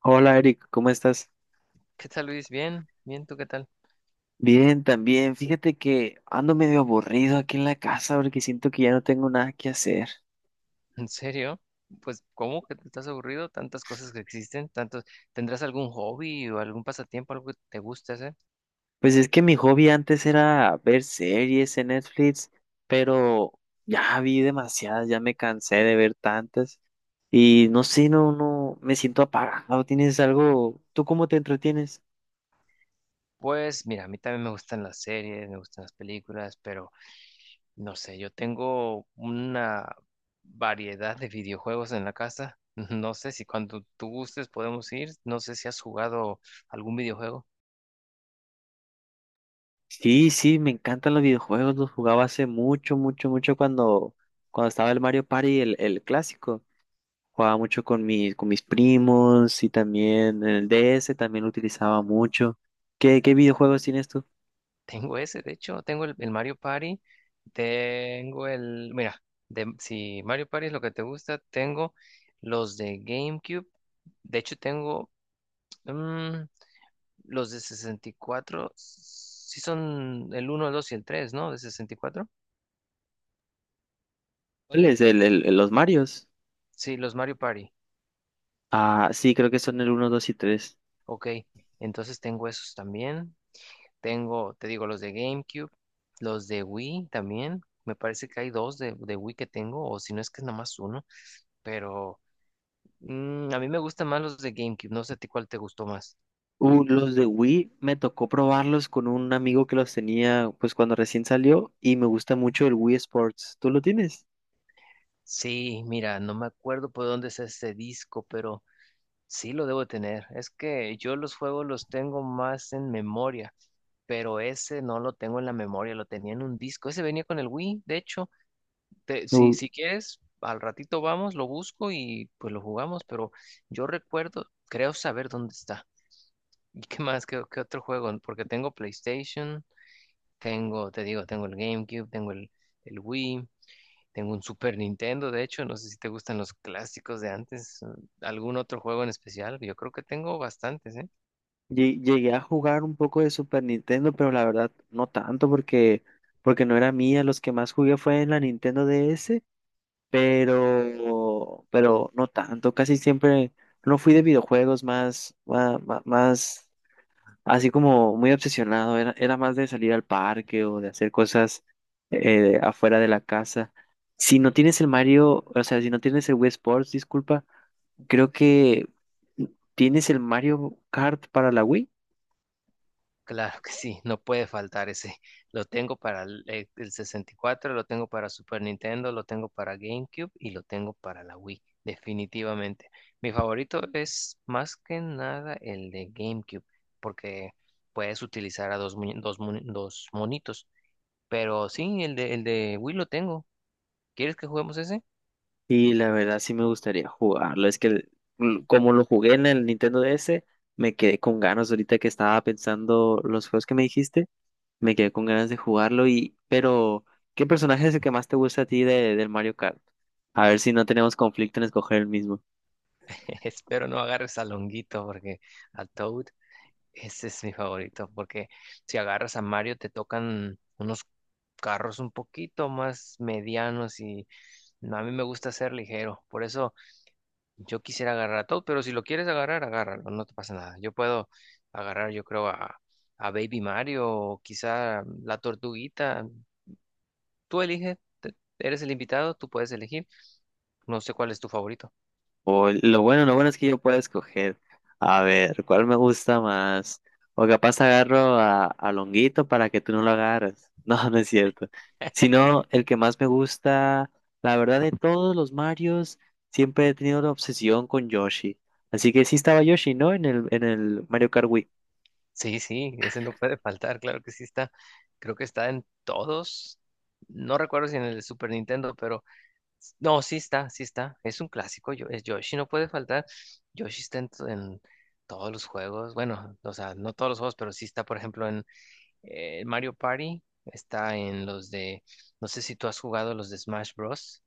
Hola Eric, ¿cómo estás? ¿Qué tal, Luis? Bien, bien, ¿tú qué tal? Bien, también. Fíjate que ando medio aburrido aquí en la casa porque siento que ya no tengo nada que hacer. ¿En serio? Pues, ¿cómo que te estás aburrido? Tantas cosas que existen, tantos. ¿Tendrás algún hobby o algún pasatiempo, algo que te guste hacer? Pues es que mi hobby antes era ver series en Netflix, pero ya vi demasiadas, ya me cansé de ver tantas y no sé, no, no, me siento apagado. ¿Tienes algo? ¿Tú cómo te entretienes? Pues, mira, a mí también me gustan las series, me gustan las películas, pero no sé, yo tengo una variedad de videojuegos en la casa. No sé si cuando tú gustes podemos ir, no sé si has jugado algún videojuego. Sí, sí, me encantan los videojuegos, los jugaba hace mucho, mucho, mucho cuando estaba el Mario Party, el clásico. Jugaba mucho con mis primos y también en el DS también lo utilizaba mucho. ¿Qué videojuegos tienes tú? Tengo ese, de hecho, tengo el Mario Party, tengo el, mira, si Mario Party es lo que te gusta, tengo los de GameCube, de hecho tengo mm, los de 64, sí son el uno, el 2 y el tres, ¿no? De 64. ¿Cuáles? Los Marios. Sí, los Mario Party. Ah, sí, creo que son el uno 2 y tres. Ok, entonces tengo esos también, tengo, te digo, los de GameCube, los de Wii también, me parece que hay dos de Wii que tengo, o si no es que es nomás uno, pero. A mí me gustan más los de GameCube. No sé a ti cuál te gustó más. Los de Wii me tocó probarlos con un amigo que los tenía pues cuando recién salió y me gusta mucho el Wii Sports. ¿Tú lo tienes? Sí, mira, no me acuerdo por dónde es este disco, pero sí lo debo tener. Es que yo los juegos los tengo más en memoria, pero ese no lo tengo en la memoria, lo tenía en un disco. Ese venía con el Wii, de hecho. Te- si, Uh, si quieres, al ratito vamos, lo busco y pues lo jugamos, pero yo recuerdo, creo saber dónde está. ¿Y qué más? ¿Qué otro juego? Porque tengo PlayStation, tengo, te digo, tengo el GameCube, tengo el Wii. Tengo un Super Nintendo, de hecho, no sé si te gustan los clásicos de antes, algún otro juego en especial. Yo creo que tengo bastantes, ¿eh? Llegué a jugar un poco de Super Nintendo, pero la verdad no tanto porque no era mía. Los que más jugué fue en la Nintendo DS pero no tanto, casi siempre no fui de videojuegos más, más, más, así como muy obsesionado, era, era más de salir al parque o de hacer cosas afuera de la casa. Si no tienes el Mario, o sea, si no tienes el Wii Sports, disculpa, creo que tienes el Mario Kart para la Wii. Claro que sí, no puede faltar ese. Lo tengo para el 64, lo tengo para Super Nintendo, lo tengo para GameCube y lo tengo para la Wii, definitivamente. Mi favorito es más que nada el de GameCube, porque puedes utilizar a dos, muñe- dos, mu- dos monitos. Pero sí, el de Wii lo tengo. ¿Quieres que juguemos ese? Y la verdad sí me gustaría jugarlo. Es que el- l- Como lo jugué en el Nintendo DS, me quedé con ganas ahorita que estaba pensando los juegos que me dijiste, me quedé con ganas de jugarlo y pero ¿qué personaje es el que más te gusta a ti del Mario Kart? A ver si no tenemos conflicto en escoger el mismo. Espero no agarres a Longuito, porque a Toad, ese es mi favorito, porque si agarras a Mario te tocan unos carros un poquito más medianos y no, a mí me gusta ser ligero. Por eso yo quisiera agarrar a Toad, pero si lo quieres agarrar, agárralo, no te pasa nada. Yo puedo agarrar, yo creo, a Baby Mario o quizá la tortuguita. Tú eliges, eres el invitado, tú puedes elegir. No sé cuál es tu favorito. O lo bueno es que yo puedo escoger. A ver, ¿cuál me gusta más? O capaz agarro a Longuito para que tú no lo agarres. No, no es cierto. Sino el que más me gusta, la verdad de todos los Marios, siempre he tenido la obsesión con Yoshi. Así que sí estaba Yoshi, ¿no? En el Mario Kart Wii. Sí, sí, ese no puede faltar, claro que sí está. Creo que está en todos. No recuerdo si en el Super Nintendo, pero no, sí está, sí está. Es un clásico, es Yoshi, no puede faltar. Yoshi está en, en todos los juegos. Bueno, o sea, no todos los juegos, pero sí está, por ejemplo, en Mario Party. Está en los de, no sé si tú has jugado los de Smash Bros.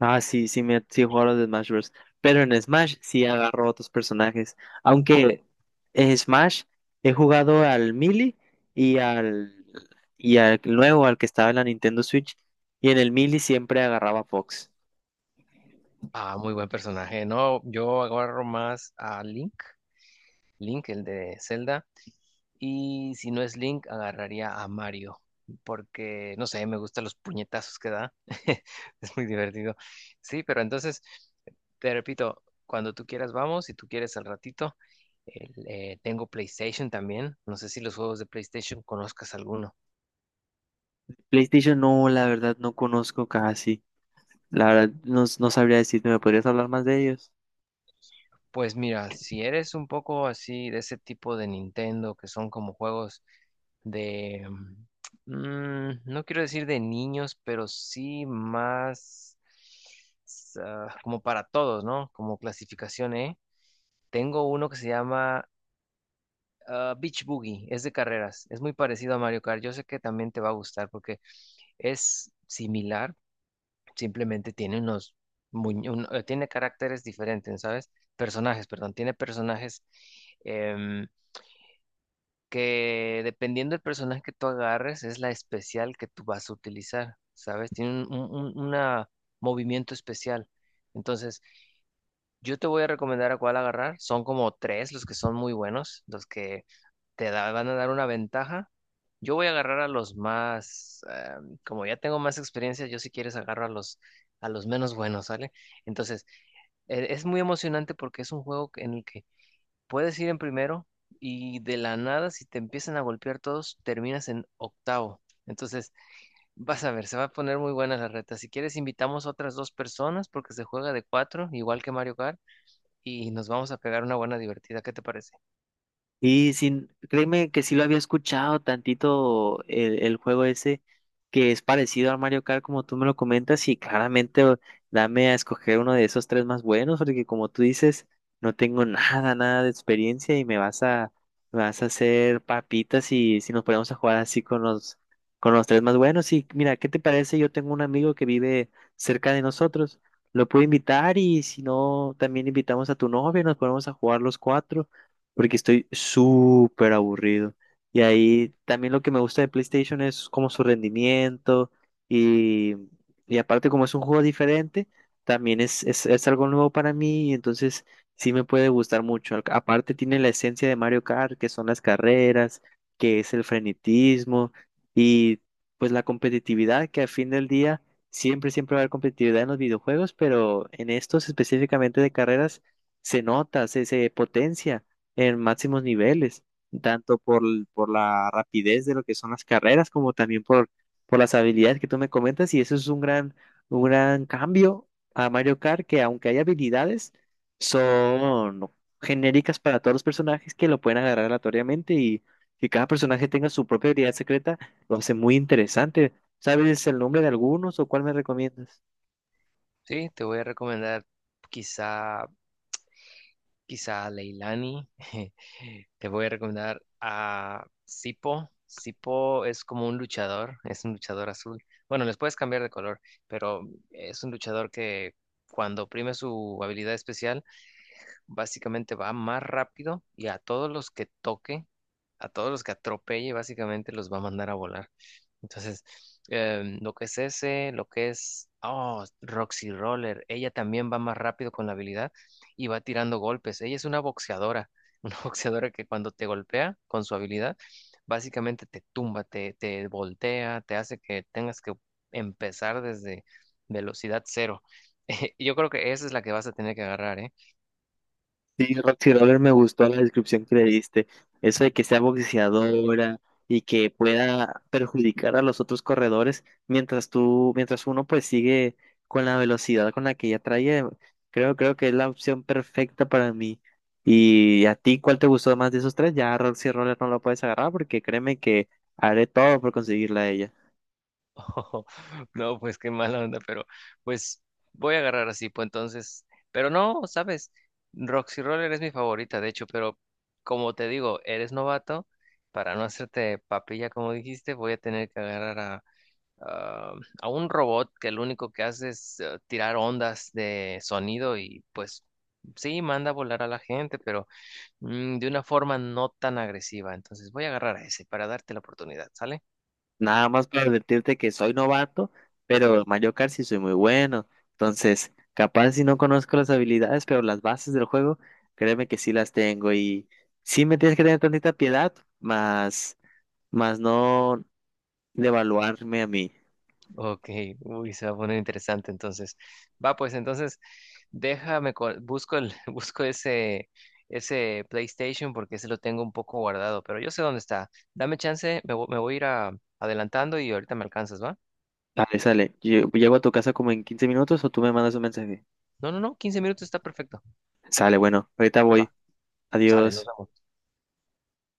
Ah, sí, sí, sí he jugado a los de Smash Bros. Pero en Smash sí agarro otros personajes. Aunque en Smash he jugado al Melee y al, y al nuevo, al que estaba en la Nintendo Switch. Y en el Melee siempre agarraba Fox. Ah, muy buen personaje. No, yo agarro más a Link, Link, el de Zelda. Y si no es Link, agarraría a Mario. Porque, no sé, me gustan los puñetazos que da. Es muy divertido. Sí, pero entonces, te repito, cuando tú quieras vamos, si tú quieres al ratito. Tengo PlayStation también. No sé si los juegos de PlayStation conozcas alguno. PlayStation no, la verdad no conozco casi. La verdad no, no sabría decirte, ¿me podrías hablar más de ellos? Pues mira, si eres un poco así de ese tipo de Nintendo, que son como juegos de, no quiero decir de niños, pero sí más como para todos, ¿no? Como clasificación E. Tengo uno que se llama Beach Boogie, es de carreras, es muy parecido a Mario Kart. Yo sé que también te va a gustar porque es similar, simplemente tiene tiene caracteres diferentes, ¿sabes? Personajes, perdón, tiene personajes em, que dependiendo del personaje que tú agarres es la especial que tú vas a utilizar, ¿sabes? Tiene una movimiento especial. Entonces, yo te voy a recomendar a cuál agarrar. Son como tres los que son muy buenos, los que van a dar una ventaja. Yo voy a agarrar a los más, como ya tengo más experiencia, yo si quieres agarro a los menos buenos, ¿sale? Entonces, es muy emocionante porque es un juego en el que puedes ir en primero y de la nada, si te empiezan a golpear todos, terminas en octavo. Entonces, vas a ver, se va a poner muy buena la reta. Si quieres, invitamos a otras dos personas porque se juega de cuatro, igual que Mario Kart, y nos vamos a pegar una buena divertida. ¿Qué te parece? Y sin, Créeme que sí lo había escuchado tantito el juego ese, que es parecido al Mario Kart como tú me lo comentas, y dame a escoger uno de esos tres más buenos, porque como tú dices, no tengo nada, nada de experiencia y me vas a hacer papitas y si nos ponemos a jugar así con con los tres más buenos. Y mira, ¿qué te parece? Yo tengo un amigo que vive cerca de nosotros, lo puedo invitar y si no, también invitamos a tu novia, nos ponemos a jugar los cuatro porque estoy súper aburrido. Y ahí también lo que me gusta de PlayStation es como su rendimiento y, y aparte como es un juego diferente, también es algo nuevo para mí, entonces sí me puede gustar mucho. Aparte tiene la esencia de Mario Kart, que son las carreras, que es el frenetismo y pues la competitividad, que al fin del día siempre, siempre va a haber competitividad en los videojuegos, pero en estos específicamente de carreras se nota, se potencia en máximos niveles, tanto por la rapidez de lo que son las carreras, como también por las habilidades que tú me comentas, y eso es un gran cambio a Mario Kart, que aunque hay habilidades, son genéricas para todos los personajes que lo pueden agarrar aleatoriamente y que cada personaje tenga su propia habilidad secreta, lo hace muy interesante. ¿Sabes el nombre de algunos o cuál me recomiendas? Sí, te voy a recomendar quizá quizá Leilani. Te voy a recomendar a Sipo. Sipo es como un luchador, es un luchador azul. Bueno, les puedes cambiar de color, pero es un luchador que cuando oprime su habilidad especial básicamente va más rápido y a todos los que toque, a todos los que atropelle, básicamente los va a mandar a volar. Entonces, lo que es ese, lo que es, oh, Roxy Roller, ella también va más rápido con la habilidad y va tirando golpes. Ella es una boxeadora, una boxeadora que cuando te golpea con su habilidad, básicamente te tumba, te voltea, te hace que tengas que empezar desde velocidad cero. Yo creo que esa es la que vas a tener que agarrar, ¿eh? Sí, Roxy Roller me gustó la descripción que le diste. Eso de que sea boxeadora y que pueda perjudicar a los otros corredores mientras tú, mientras uno pues sigue con la velocidad con la que ella trae. Creo que es la opción perfecta para mí. ¿Y a ti cuál te gustó más de esos tres? Ya Roxy Roller no lo puedes agarrar porque créeme que haré todo por conseguirla a ella. Oh, no, pues qué mala onda, pero pues voy a agarrar así, pues entonces, pero no, sabes, Roxy Roller es mi favorita, de hecho, pero como te digo, eres novato, para no hacerte papilla, como dijiste, voy a tener que agarrar a, a un robot que lo único que hace es tirar ondas de sonido y pues sí, manda a volar a la gente, pero de una forma no tan agresiva, entonces voy a agarrar a ese para darte la oportunidad, ¿sale? Nada más para advertirte que soy novato, pero Mario Kart sí soy muy bueno. Entonces, capaz si no conozco las habilidades, pero las bases del juego, créeme que sí las tengo. Y sí me tienes que tener tantita piedad, más, más no devaluarme a mí. Ok, uy, se va a poner interesante entonces. Va, pues entonces déjame, busco el, busco ese, PlayStation porque ese lo tengo un poco guardado, pero yo sé dónde está. Dame chance, me voy a ir adelantando y ahorita me alcanzas, ¿va? Vale, sale. Llego a tu casa como en 15 minutos o tú me mandas un mensaje. No, no, no, 15 minutos está perfecto. Sale, bueno, ahorita voy. Va, sale, nos Adiós. vemos.